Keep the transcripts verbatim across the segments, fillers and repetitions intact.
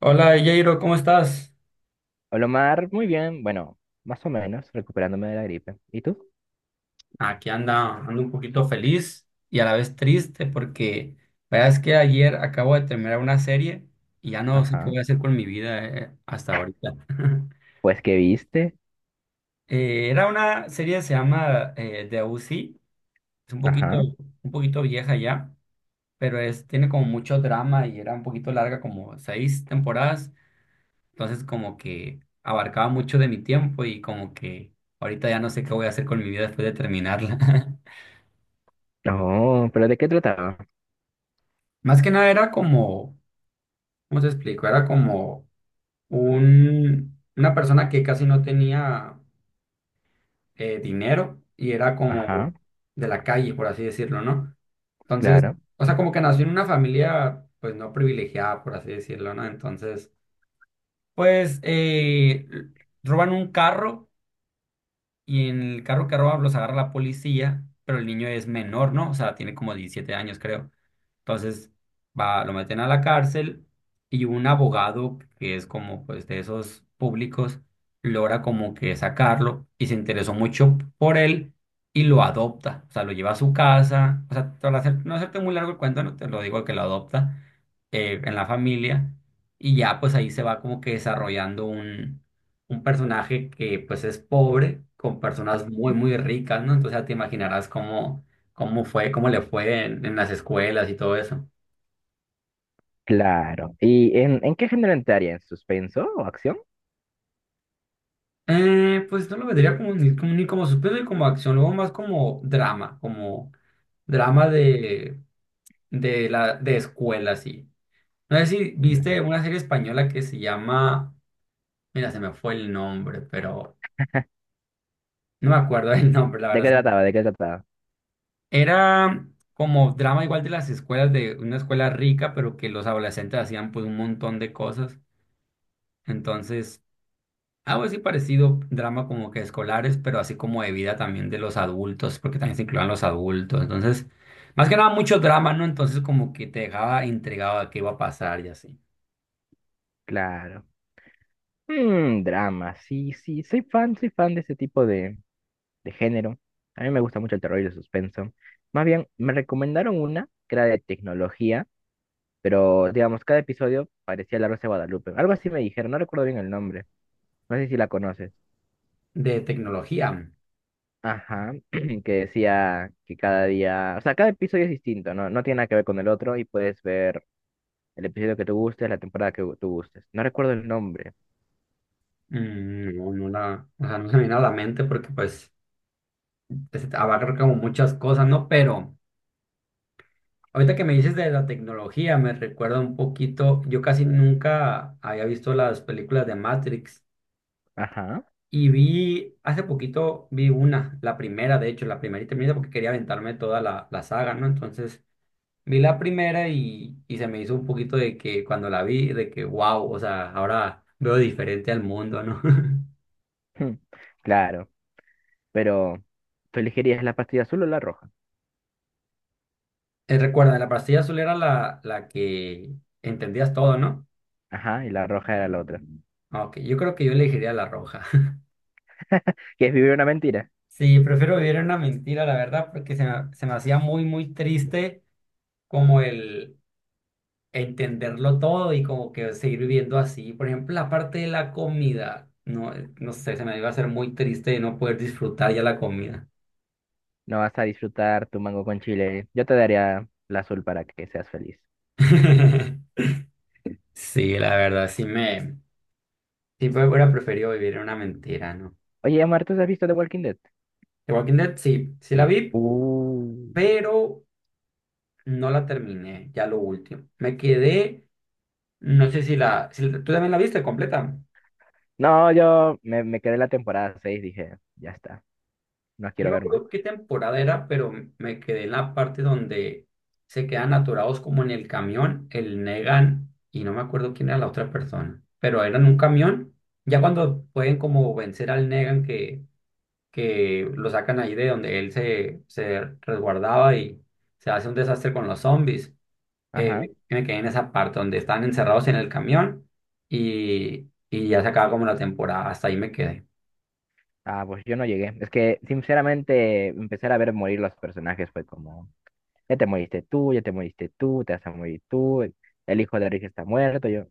Hola, Jairo, ¿cómo estás? Hola, Omar, muy bien. Bueno, más o menos, recuperándome de la gripe. ¿Y tú? Aquí anda, ando un poquito feliz y a la vez triste porque la verdad es que ayer acabo de terminar una serie y ya no sé qué Ajá. voy a hacer con mi vida eh, hasta ahorita. Pues, ¿qué viste? Eh, era una serie que se llama eh, The O C, es un poquito, Ajá. un poquito vieja ya, pero es, tiene como mucho drama y era un poquito larga, como seis temporadas, entonces como que abarcaba mucho de mi tiempo y como que ahorita ya no sé qué voy a hacer con mi vida después de terminarla. Oh, pero ¿de qué trataba? Más que nada era como, ¿cómo te explico? Era como un, una persona que casi no tenía eh, dinero y era como Ajá, de la calle, por así decirlo, ¿no? Entonces, claro. o sea, como que nació en una familia, pues no privilegiada, por así decirlo, ¿no? Entonces, pues eh, l- roban un carro y en el carro que roban los agarra la policía, pero el niño es menor, ¿no? O sea, tiene como diecisiete años, creo. Entonces va, lo meten a la cárcel y un abogado que es como pues de esos públicos logra como que sacarlo y se interesó mucho por él y lo adopta, o sea, lo lleva a su casa, o sea, para hacer- no hacerte muy largo el cuento, no te lo digo que lo adopta eh, en la familia y ya pues ahí se va como que desarrollando un, un personaje que pues es pobre con personas muy muy ricas, ¿no? Entonces ya te imaginarás cómo. ¿Cómo fue? ¿Cómo le fue en, en las escuelas y todo eso? Claro. ¿Y en, en qué género entraría? ¿En suspenso o acción? Eh, pues no lo vendría como ni como, ni como suspenso ni como acción, luego más como drama, como drama de, de, la, de escuela, sí. No sé si viste Claro. una serie española que se llama, mira, se me fue el nombre, pero no me acuerdo el nombre, la ¿De qué verdad. trataba? ¿De qué trataba? Era como drama igual de las escuelas, de una escuela rica, pero que los adolescentes hacían pues un montón de cosas. Entonces algo así parecido, drama como que escolares, pero así como de vida también de los adultos, porque también se incluían los adultos. Entonces, más que nada mucho drama, ¿no? Entonces como que te dejaba intrigado a qué iba a pasar y así. Claro. Mm, drama. Sí, sí, soy fan, soy fan de ese tipo de, de género. A mí me gusta mucho el terror y el suspenso. Más bien, me recomendaron una que era de tecnología. Pero, digamos, cada episodio parecía la Rosa de Guadalupe. Algo así me dijeron, no recuerdo bien el nombre. No sé si la conoces. De tecnología, Ajá, que decía que cada día, o sea, cada episodio es distinto, ¿no? No tiene nada que ver con el otro y puedes ver el episodio que tú gustes, la temporada que tú gustes. No recuerdo el nombre. mm, no, no la, o sea, no se me viene a la mente porque pues es- abarca como muchas cosas, ¿no? Pero ahorita que me dices de la tecnología, me recuerda un poquito, yo casi nunca había visto las películas de Matrix. Ajá, Y vi, hace poquito vi una, la primera, de hecho, la primerita, primerita, porque quería aventarme toda la, la saga, ¿no? Entonces vi la primera y, y se me hizo un poquito de que cuando la vi, de que wow, o sea, ahora veo diferente al mundo, ¿no? claro, pero tú elegirías la pastilla azul o la roja. Eh, recuerda, la pastilla azul era la, la que entendías todo, ¿no? Ajá, y la roja era la otra. Ah, ok, yo creo que yo elegiría la roja. Que es vivir una mentira. Sí, prefiero vivir en una mentira, la verdad, porque se me, se me hacía muy, muy triste como el, entenderlo todo y como que seguir viviendo así. Por ejemplo, la parte de la comida, no, eh, no sé, se me iba a hacer muy triste de no poder disfrutar ya la comida. No vas a disfrutar tu mango con chile. Yo te daría la azul para que seas feliz. Sí, la verdad, sí me, sí me hubiera preferido vivir en una mentira, ¿no? Oye, Amar, ¿tú has visto The Walking Dead? The Walking Dead, sí, sí la Sí. vi, Uh. pero no la terminé, ya lo último. Me quedé, no sé si la, si la- tú también la viste completa. No, yo me, me quedé en la temporada seis, dije, ya está, no Yo quiero me ver más. acuerdo qué temporada era, pero me quedé en la parte donde se quedan atorados como en el camión, el Negan, y no me acuerdo quién era la otra persona, pero eran un camión, ya cuando pueden como vencer al Negan que, que lo sacan ahí de donde él se, se resguardaba y se hace un desastre con los zombies, eh, Ajá. me, me quedé en esa parte donde están encerrados en el camión y, y ya se acaba como la temporada, hasta ahí me quedé. Ah, pues yo no llegué. Es que, sinceramente, empezar a ver morir los personajes fue como, ya te moriste tú, ya te moriste tú, te vas a morir tú, el hijo de Rick está muerto, yo,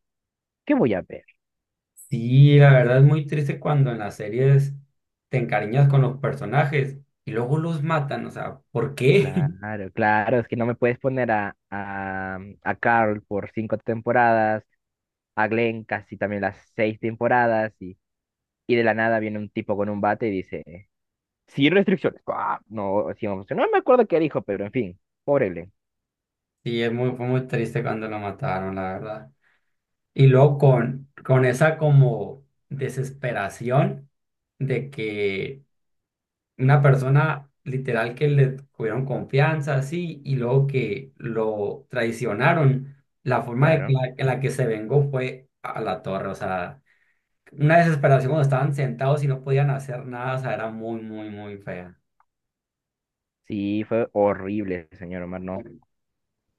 ¿qué voy a ver? Sí, la verdad es muy triste cuando en las series te encariñas con los personajes y luego los matan, o sea, ¿por qué? Claro, claro, es que no me puedes poner a, a, a Carl por cinco temporadas, a Glenn casi también las seis temporadas, y, y de la nada viene un tipo con un bate y dice... Sin restricciones. Ah, no, sí, vamos, no me acuerdo qué dijo, pero en fin, pobrele, Sí, es muy, fue muy triste cuando lo mataron, la verdad. Y luego con, con esa como desesperación de que una persona literal que le tuvieron confianza, así, y luego que lo traicionaron, la forma de que claro. la, en la que se vengó fue a la torre, o sea. Una desesperación cuando estaban sentados y no podían hacer nada, o sea, era muy, muy, muy fea. Sí, fue horrible, señor Omar, no.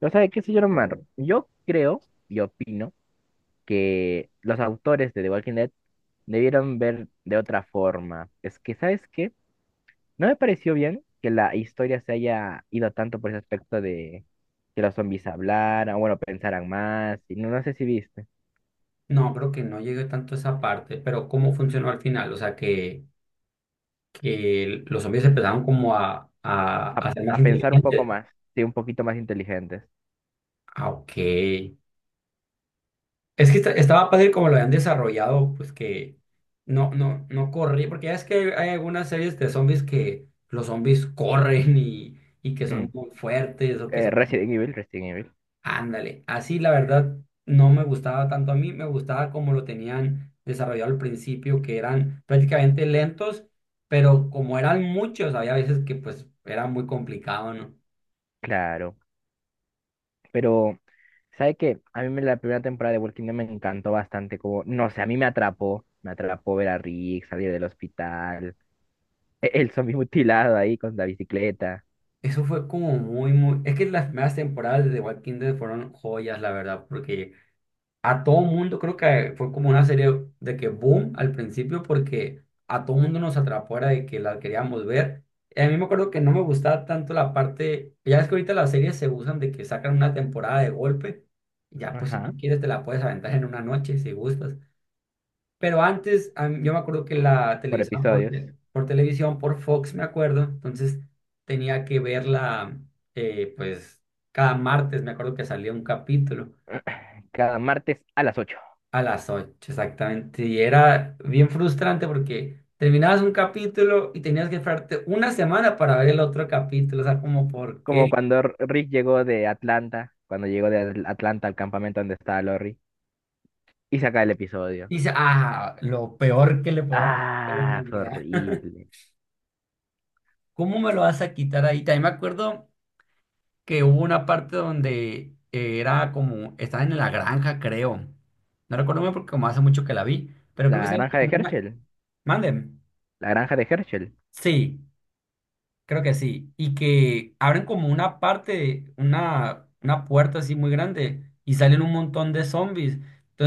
¿No sabe qué, señor Omar? Yo creo y opino que los autores de The Walking Dead debieron ver de otra forma. Es que, ¿sabes qué? No me pareció bien que la historia se haya ido tanto por ese aspecto de que los zombies hablaran, bueno, pensaran más, y no, no sé si viste, No, creo que no llegué tanto a esa parte, pero ¿cómo funcionó al final? O sea, que, que los zombies empezaron como a, a, a, a ser más a pensar un poco inteligentes. más, sí, un poquito más inteligentes. Ah, ok. Es que esta- estaba padre como lo habían desarrollado, pues que no, no, no corrí, porque ya es que hay, hay algunas series de zombies que los zombies corren y, y que son Mm. muy fuertes o que Eh, son. Resident Evil, Resident Evil, Ándale, así la verdad no me gustaba tanto a mí, me gustaba como lo tenían desarrollado al principio, que eran prácticamente lentos, pero como eran muchos, había veces que pues era muy complicado, ¿no? claro. Pero, ¿sabe qué? A mí me- la primera temporada de Walking Dead me encantó bastante, como, no sé, a mí me atrapó, me atrapó ver a Rick salir del hospital, e- el zombie mutilado ahí con la bicicleta, Eso fue como muy, muy... Es que las primeras temporadas de The Walking Dead fueron joyas, la verdad, porque a todo mundo, creo que fue como una serie de que boom al principio porque a todo mundo nos atrapó era de que la queríamos ver. Y a mí me acuerdo que no me gustaba tanto la parte, ya es que ahorita las series se usan de que sacan una temporada de golpe, ya pues si ajá, tú quieres te la puedes aventar en una noche si gustas. Pero antes a mí- yo me acuerdo que la por televisaban por, episodios, te- por televisión, por Fox, me acuerdo, entonces tenía que verla eh, pues cada martes, me acuerdo que salía un capítulo. cada martes a las ocho A las ocho exactamente. Y era bien frustrante porque terminabas un capítulo y tenías que esperarte una semana para ver el otro capítulo. O sea, como por como qué. cuando R- Rick llegó de Atlanta, cuando llegó de Atl- Atlanta al campamento donde estaba Lori, y saca el episodio. Dice, ah, lo peor que le puedo dar a la Ah, fue humanidad. horrible. ¿Cómo me lo vas a quitar ahí? También me acuerdo que hubo una parte donde eh, era como, estaba en la granja, creo. No recuerdo muy bien porque como hace mucho que la vi, pero creo que La estaba granja de como en una... Herschel, Manden. la granja de Herschel, Sí. Creo que sí. Y que abren como una parte, una, una puerta así muy grande y salen un montón de zombies.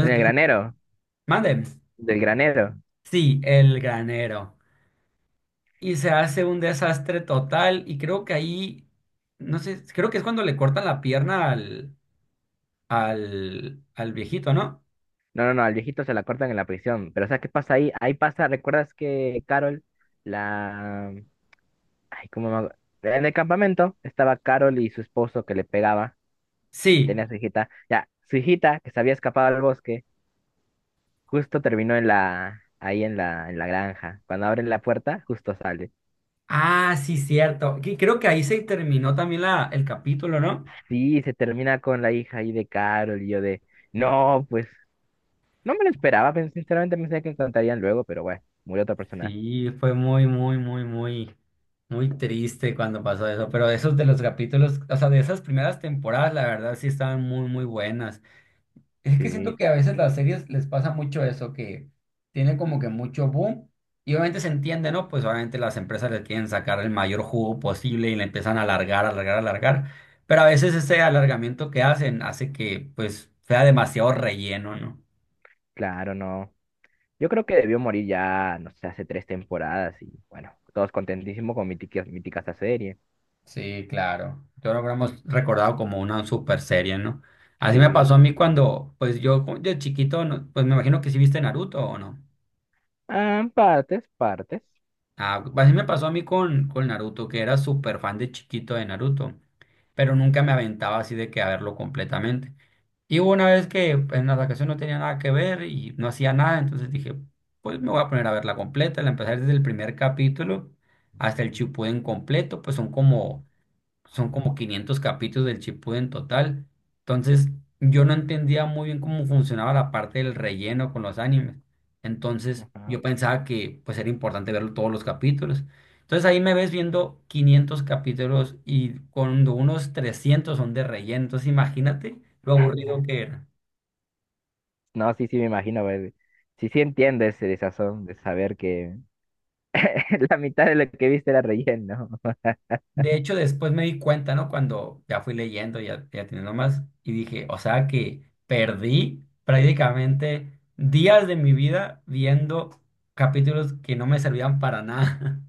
en mm, el empiezan como, granero. mande, Del granero. sí, el granero. Y se hace un desastre total. Y creo que ahí, no sé, creo que es cuando le cortan la pierna al, al, al viejito, ¿no? No, no, no, al viejito se la cortan en la prisión. Pero ¿sabes qué pasa ahí? Ahí pasa, ¿recuerdas que Carol, la... Ay, ¿cómo me... hago? En el campamento estaba Carol y su esposo que le pegaba, Sí. tenía a su hijita. Ya, su hijita, que se había escapado al bosque, justo terminó en la... ahí en la... en la granja. Cuando abren la puerta, justo sale. Ah, sí, cierto. Que creo que ahí se terminó también la, el capítulo, ¿no? Sí, se termina con la hija ahí de Carol y yo de... No, pues, no me lo esperaba, pero sinceramente pensé que encontrarían luego, pero bueno, murió otra persona. Sí, fue muy, muy, muy, muy, muy triste cuando pasó eso, pero esos de los capítulos, o sea, de esas primeras temporadas, la verdad sí estaban muy, muy buenas. Es que siento Sí, que a veces las series les pasa mucho eso, que tienen como que mucho boom y obviamente se entiende, ¿no? Pues obviamente las empresas le quieren sacar el mayor jugo posible y le empiezan a alargar, alargar, alargar, pero a veces ese alargamiento que hacen hace que pues sea demasiado relleno, ¿no? claro, no. Yo creo que debió morir ya, no sé, hace tres temporadas y bueno, todos contentísimos con mítica, mítica esa serie. Sí, claro. Yo lo hemos recordado como una super serie, ¿no? Así me Sí. pasó a mí cuando, pues yo cu- de chiquito, no- pues me imagino que sí viste Naruto o no. Ah, partes, partes. Ah, pues, así me pasó a mí con, con Naruto, que era súper fan de chiquito de Naruto, pero nunca me aventaba así de que a verlo completamente. Y hubo una vez que en la vacación no tenía nada que ver y no hacía nada, entonces dije, pues me voy a poner a verla completa. La empecé desde el primer capítulo hasta el Shippuden completo, pues son como son como quinientos capítulos del Shippuden en total. Entonces, yo no entendía muy bien cómo funcionaba la parte del relleno con los animes. Entonces, Ajá. yo pensaba que pues era importante verlo todos los capítulos. Entonces, ahí me ves viendo quinientos capítulos y cuando unos trescientos son de relleno. Entonces, imagínate lo aburrido que era. No, sí, sí, me imagino, ver, sí, sí entiendo ese desazón de saber que la mitad de lo que viste era relleno. De hecho, después me di cuenta, ¿no? Cuando ya fui leyendo, ya, ya teniendo más, y dije, o sea que perdí prácticamente días de mi vida viendo capítulos que no me servían para nada.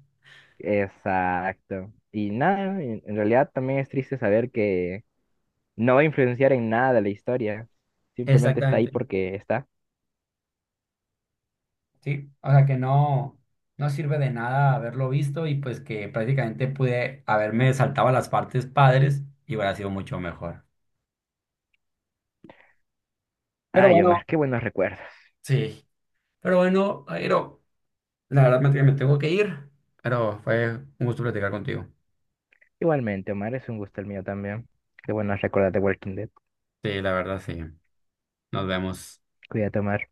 Exacto. Y nada, en en realidad también es triste saber que no va a influenciar en nada la historia. Simplemente está ahí Exactamente, porque está. sí. O sea que no, no sirve de nada haberlo visto y pues que prácticamente pude haberme saltado las partes padres y hubiera sido mucho mejor. Pero Ay, Omar, bueno, qué buenos recuerdos. sí. Pero bueno, Airo, la verdad me me tengo que ir, pero fue un gusto platicar contigo. Igualmente, Omar, es un gusto el mío también. Qué bueno recordar de Walking Dead. Sí, la verdad, sí. Nos vemos. Cuídate, Omar.